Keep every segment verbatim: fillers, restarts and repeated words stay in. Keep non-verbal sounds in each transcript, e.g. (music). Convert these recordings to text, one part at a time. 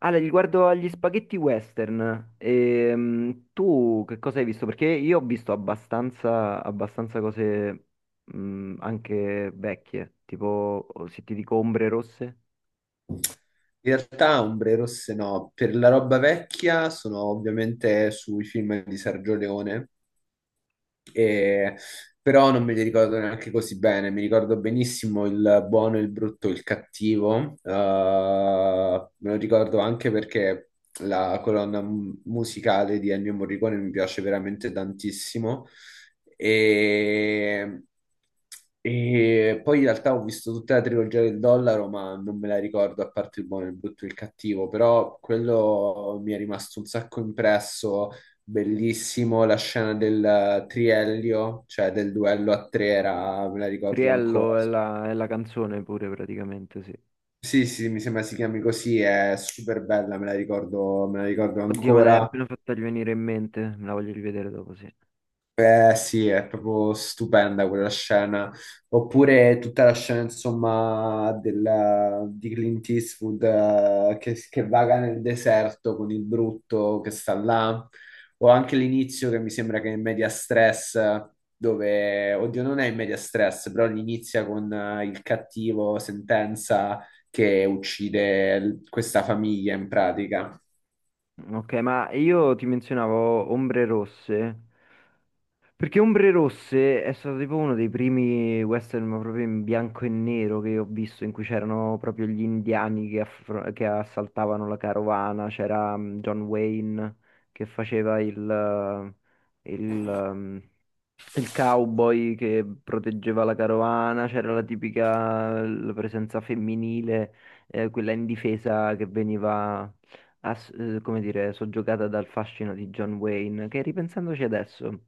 Ale, riguardo agli spaghetti western, ehm, tu che cosa hai visto? Perché io ho visto abbastanza, abbastanza cose mh, anche vecchie, tipo oh, se ti dico Ombre Rosse, In realtà ombre rosse no, per la roba vecchia sono ovviamente sui film di Sergio Leone, e- però non me li ricordo neanche così bene. Mi ricordo benissimo il buono, il brutto, il cattivo. Eh, me lo ricordo anche perché la colonna mu- musicale di Ennio Morricone mi piace veramente tantissimo. E, e poi in realtà ho visto tutta la trilogia del dollaro, ma non me la ricordo a parte il buono, il brutto e il cattivo. Però quello mi è rimasto un sacco impresso. Bellissimo la scena del eh, triello, cioè del duello a tre, era, me la ricordo ancora. Criello è la, è la canzone pure praticamente, sì. Sì, sì, mi sembra si chiami così, è super bella, me la ricordo, me la ricordo Oddio, me l'hai ancora. appena fatta venire in mente, me la voglio rivedere dopo, sì. Eh sì, è proprio stupenda quella scena. Oppure tutta la scena, insomma, della- di Clint Eastwood eh, che, che vaga nel deserto con il brutto che sta là. O anche l'inizio che mi sembra che è in media stress, dove, oddio, non è in media stress, però inizia con eh, il cattivo Sentenza che uccide l- questa famiglia in pratica. Ok, ma io ti menzionavo Ombre Rosse. Perché Ombre Rosse è stato tipo uno dei primi western ma proprio in bianco e nero che ho visto, in cui c'erano proprio gli indiani che, affro- che assaltavano la carovana, c'era mm, John Wayne che faceva il, eh, il, ehm, il cowboy che proteggeva la carovana, c'era la tipica la presenza femminile, eh, quella indifesa che veniva, ass- eh, come dire, soggiogata dal fascino di John Wayne, che ripensandoci adesso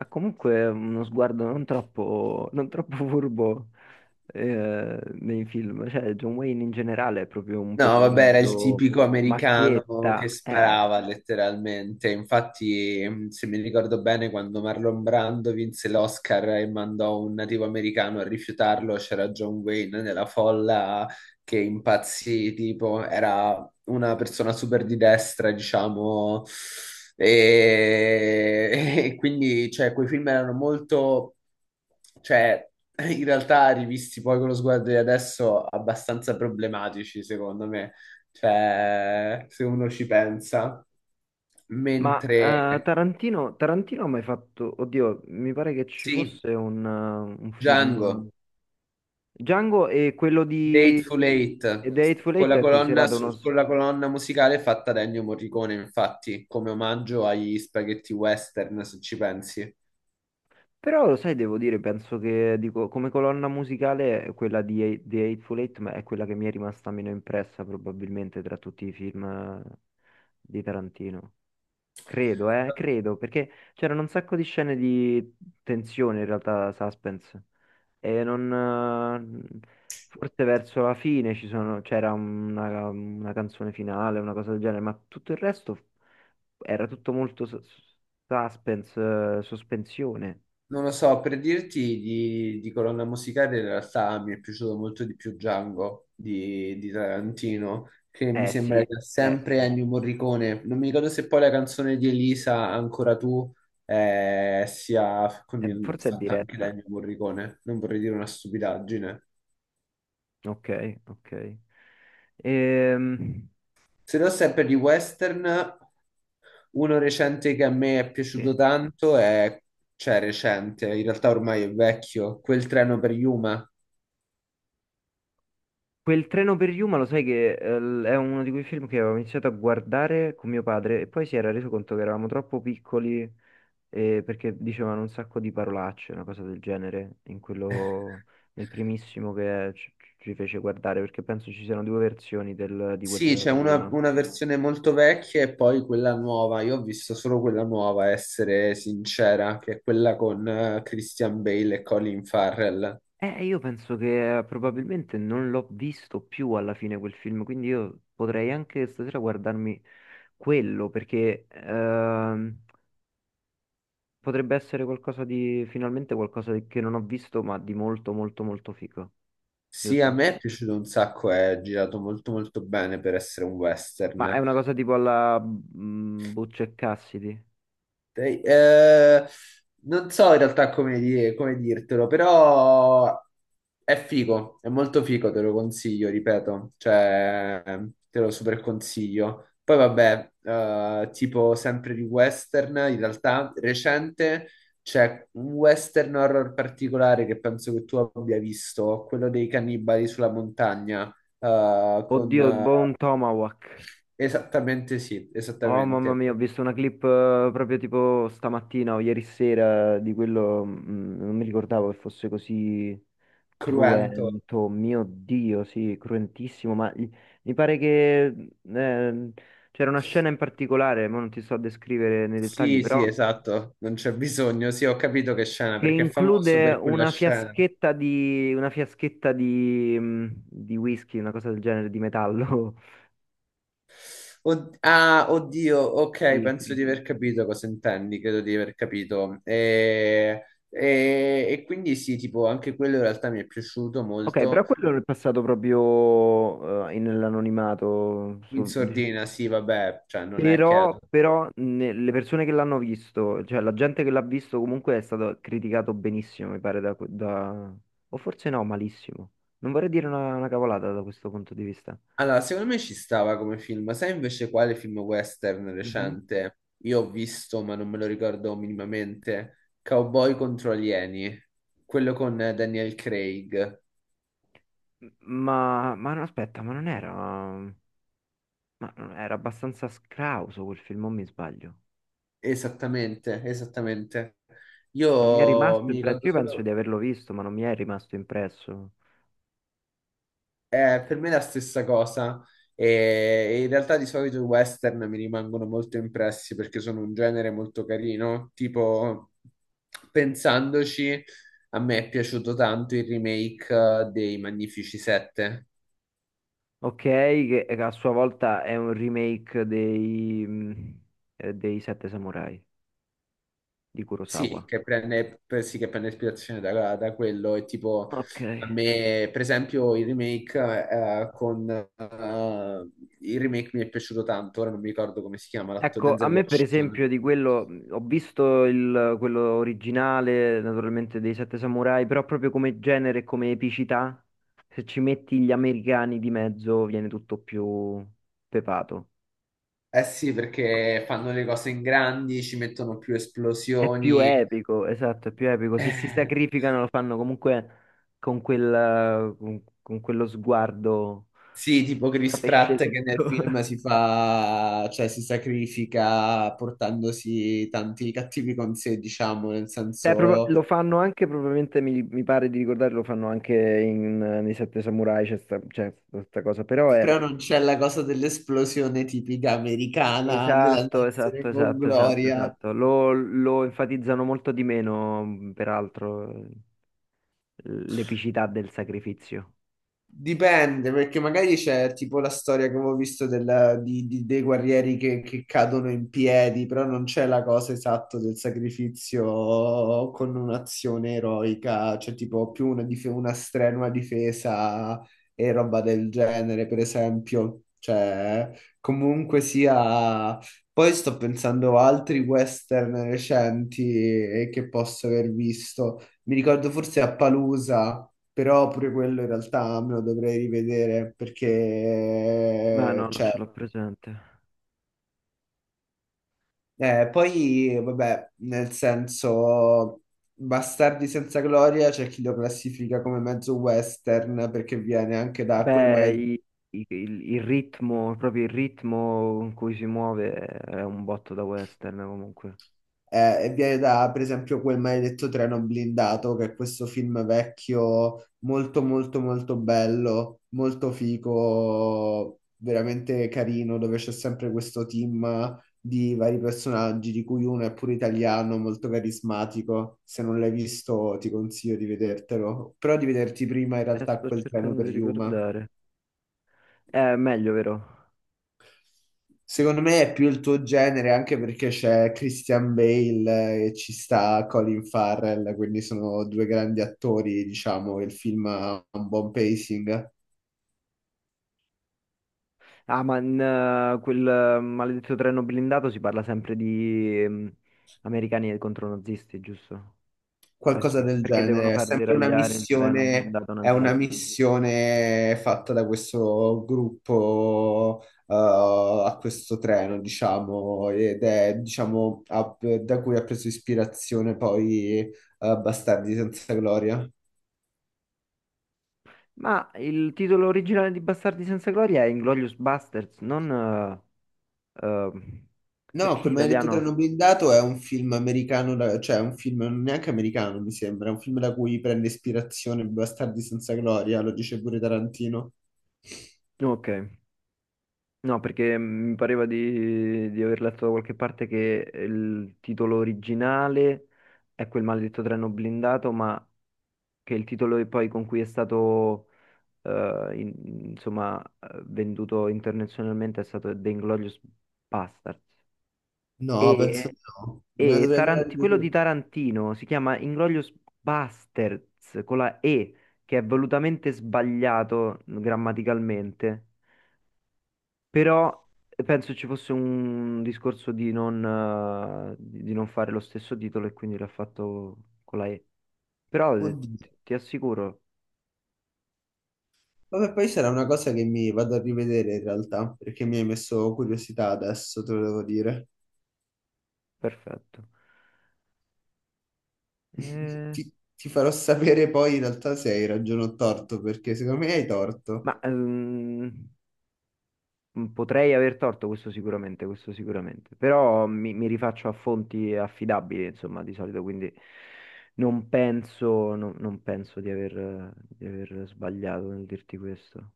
ha comunque uno sguardo non troppo, non troppo (laughs) furbo, eh, nei film. Cioè, John Wayne in generale è proprio un No, vabbè, era il personaggio tipico americano macchietta, che eh. sparava letteralmente. Infatti, mh, se mi ricordo bene, quando Marlon Brando vinse l'Oscar e mandò un nativo americano a rifiutarlo, c'era John Wayne nella folla che impazzì, tipo, era una persona super di destra, diciamo, e, (laughs) e quindi, cioè, quei film erano molto, cioè, in realtà rivisti poi con lo sguardo di adesso, abbastanza problematici, secondo me, cioè, se uno ci pensa. Ma Mentre, eh, Tarantino, Tarantino ha mai fatto, oddio, mi pare che ci sì, fosse un, eh, un film Django. Django e quello di Dateful e Eight, The Hateful con Eight la è colonna, considerato uno, su- s- con la colonna musicale fatta da Ennio Morricone, infatti, come omaggio agli spaghetti western, se ci pensi. Però lo sai, devo dire, penso che dico, come colonna musicale quella di Hate- The Hateful Eight ma è quella che mi è rimasta meno impressa probabilmente tra tutti i film eh, di Tarantino. Credo, eh, credo, perché c'erano un sacco di scene di tensione in realtà, suspense. E non, eh, forse verso la fine ci sono- c'era una, una canzone finale, una cosa del genere, ma tutto il resto era tutto molto sus- suspense, eh, sospensione. Non lo so, per dirti di, di colonna musicale, in realtà mi è piaciuto molto di più Django di, di Tarantino, che mi Eh sì, sembra che ha eh sempre sì. Ennio Morricone. Non mi ricordo se poi la canzone di Elisa, Ancora tu, eh, sia Eh, quindi forse è fatta anche da diretta. Ennio Morricone. Non vorrei dire una stupidaggine. Ok, ok. Ehm, Se no, sempre di western, uno recente che a me è sì. piaciuto tanto è, cioè recente, in realtà ormai è vecchio, Quel treno per Yuma. Quel treno per Yuma, lo sai che eh, l- è uno di quei film che avevo iniziato a guardare con mio padre e poi si era reso conto che eravamo troppo piccoli eh, perché dicevano un sacco di parolacce, una cosa del genere, in quello, nel primissimo che ci, ci fece guardare, perché penso ci siano due versioni del- di quel Sì, treno c'è per una, Yuma. una versione molto vecchia e poi quella nuova. Io ho visto solo quella nuova, essere sincera, che è quella con eh, Christian Bale e Colin Farrell. Eh, io penso che eh, probabilmente non l'ho visto più alla fine quel film, quindi io potrei anche stasera guardarmi quello, perché ehm, potrebbe essere qualcosa di, finalmente qualcosa di- che non ho visto, ma di molto, molto, molto figo, Sì, a giusto? me è piaciuto un sacco, è girato molto molto bene per essere un Ma è western. una cosa tipo alla mm, Butch e Cassidy? Dai, eh, non so in realtà come, di- come dirtelo, però è figo, è molto figo, te lo consiglio, ripeto, cioè te lo super consiglio. Poi vabbè, eh, tipo sempre di western, in realtà recente c'è un western horror particolare che penso che tu abbia visto, quello dei cannibali sulla montagna, eh, con... Oddio, eh, Bone Tomahawk. esattamente sì, Oh mamma esattamente, mia, ho visto una clip eh, proprio tipo stamattina o ieri sera di quello, mm, non mi ricordavo che fosse così cruento. cruento. Mio Dio, sì, cruentissimo, ma i- mi pare che eh, c'era una scena in particolare, ma non ti so descrivere nei dettagli, Sì, però sì, esatto, non c'è bisogno. Sì, ho capito che scena, che perché è famoso include per quella una scena. fiaschetta di una fiaschetta di, mm, di whisky, una cosa del genere, di metallo. (laughs) Od- ah, oddio, ok, Sì, penso sì. di aver capito cosa intendi, credo di aver capito. E, e- e quindi sì, tipo, anche quello in realtà mi è piaciuto Ok, molto. però quello è passato proprio eh, in- nell'anonimato, In sul- sordina, diciamo. sì, vabbè, cioè non è che è. Però, però ne- le persone che l'hanno visto, cioè la gente che l'ha visto comunque è stato criticato benissimo, mi pare, da, que- da- o forse no, malissimo. Non vorrei dire una, una cavolata da questo punto di vista. Allora, secondo me ci stava come film. Sai invece quale film western Mhm. recente? Io ho visto, ma non me lo ricordo minimamente. Cowboy contro alieni, quello con eh, Daniel Craig. M- Ma, ma no, aspetta, ma non era, ma non era abbastanza scrauso quel film, o mi sbaglio? Esattamente, esattamente. Non mi è Io rimasto mi impresso, ricordo io penso di solo. averlo visto, ma non mi è rimasto impresso. Eh, per me è la stessa cosa. E e in realtà di solito i western mi rimangono molto impressi perché sono un genere molto carino. Tipo, pensandoci, a me è piaciuto tanto il remake eh, dei Magnifici Sette. Ok, che a sua volta è un remake dei, mh, eh, dei Sette Samurai di Kurosawa. Sì, che prende, per- sì, che prende ispirazione da, da quello. E tipo, Ok. a me, per esempio, il remake, eh, con, eh, il remake mi è piaciuto tanto. Ora non mi ricordo come si chiama l'attore, Ecco, a Denzel me per esempio Washington. di quello, mh, ho visto il- quello originale, naturalmente dei Sette Samurai, però proprio come genere e come epicità, se ci metti gli americani di mezzo viene tutto più pepato. Eh sì, perché fanno le cose in grandi, ci mettono più È più esplosioni. (laughs) epico, esatto, è più epico. Se si Eh, sacrificano lo fanno comunque con quel, eh, con con quello sguardo. sì, tipo A Chris pesce Pratt che nel lento. (laughs) film si fa, cioè si sacrifica portandosi tanti cattivi con sé, diciamo, nel Eh, proba- lo senso, fanno anche, probabilmente mi, mi pare di ricordare, lo fanno anche in, eh, nei Sette Samurai, c'è sta, c'è questa cosa, però però è... non c'è la cosa dell'esplosione tipica americana, Esatto, esatto, dell'andarsene con esatto, esatto, gloria. esatto. Lo, lo enfatizzano molto di meno, mh, peraltro, eh, l'epicità del sacrificio. Dipende, perché magari c'è tipo la storia che avevo visto della- di- di- dei guerrieri che, che cadono in piedi, però non c'è la cosa esatta del sacrificio con un'azione eroica, c'è tipo più una, dif- una strenua difesa e roba del genere, per esempio. Cioè, comunque sia... Poi sto pensando a altri western recenti eh, che posso aver visto. Mi ricordo forse a Palusa però pure quello in realtà me lo dovrei rivedere Ma perché, no, non cioè, ce l'ho presente. eh, poi, vabbè, nel senso, Bastardi senza gloria c'è chi lo classifica come mezzo western perché viene anche da quel Beh, magari i- i- il, il ritmo, proprio il ritmo con cui si muove è un botto da western comunque. eh, e viene da, per esempio, quel maledetto treno blindato, che è questo film vecchio, molto, molto, molto bello, molto figo, veramente carino, dove c'è sempre questo team di vari personaggi, di cui uno è pure italiano, molto carismatico. Se non l'hai visto, ti consiglio di vedertelo, però di vederti prima in Eh, realtà sto quel treno cercando per di Yuma. ricordare. È meglio, vero? Secondo me è più il tuo genere anche perché c'è Christian Bale eh, e ci sta Colin Farrell, quindi sono due grandi attori, diciamo, il film ha un buon pacing, Ah, ma in eh, quel eh, maledetto treno blindato si parla sempre di ehm, americani contro nazisti, giusto? Eh qualcosa sì, del perché devono genere. È far sempre una deragliare il treno missione, blindato è una nazista. missione fatta da questo gruppo eh, a questo treno, diciamo, ed è, diciamo, ha- da cui ha preso ispirazione poi eh, Bastardi senza gloria. Ma il titolo originale di Bastardi senza gloria è Inglorious Basterds, non... eh, eh, No, perché in come hai detto italiano? Treno Blindato è un film americano, da- cioè è un film non neanche americano, mi sembra, è un film da cui prende ispirazione Bastardi senza gloria, lo dice pure Tarantino. Ok. No, perché mi pareva di, di aver letto da qualche parte che eh, il titolo originale è quel maledetto treno blindato, ma che il titolo e poi con cui è stato eh, in- insomma eh, venduto internazionalmente è stato The Inglourious Basterds. No, penso E, di no. Me la e dovrei andare a Taranti- quello di rivedere. Tarantino si chiama Inglourious Basterds con la E, che è volutamente sbagliato grammaticalmente. Però eh, penso ci fosse un discorso di non, eh, di di non fare lo stesso titolo e quindi l'ha fatto con la E. Però eh, ti, Oddio. ti assicuro, Vabbè, poi sarà una cosa che mi vado a rivedere in realtà, perché mi hai messo curiosità adesso, te lo devo dire. perfetto. (laughs) Eh, Ti, ti farò sapere poi in realtà se hai ragione o torto, perché secondo me hai torto. ma ehm, potrei aver torto questo sicuramente, questo sicuramente. Però mi, mi rifaccio a fonti affidabili, insomma, di solito, quindi non penso, non non penso di aver, di aver sbagliato nel dirti questo.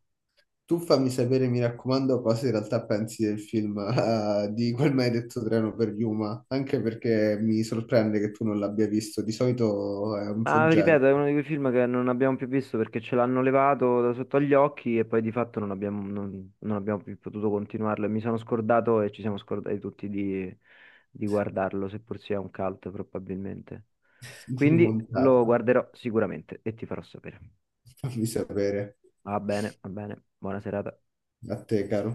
Tu fammi sapere, mi raccomando, cosa in realtà pensi del film, (laughs) eh, di quel maledetto treno per Yuma, anche perché mi sorprende che tu non l'abbia visto. Di solito eh, è un tuo Ma genere. ripeto, è uno di quei film che non abbiamo più visto perché ce l'hanno levato da sotto agli occhi e poi di fatto non abbiamo, non- non abbiamo più potuto continuarlo. E mi sono scordato e ci siamo scordati tutti di, di guardarlo, seppur sia un cult probabilmente. (laughs) Di Quindi lo rimontarlo. guarderò sicuramente e ti farò sapere. Fammi sapere. Va bene, va bene. Buona serata. A te, caro.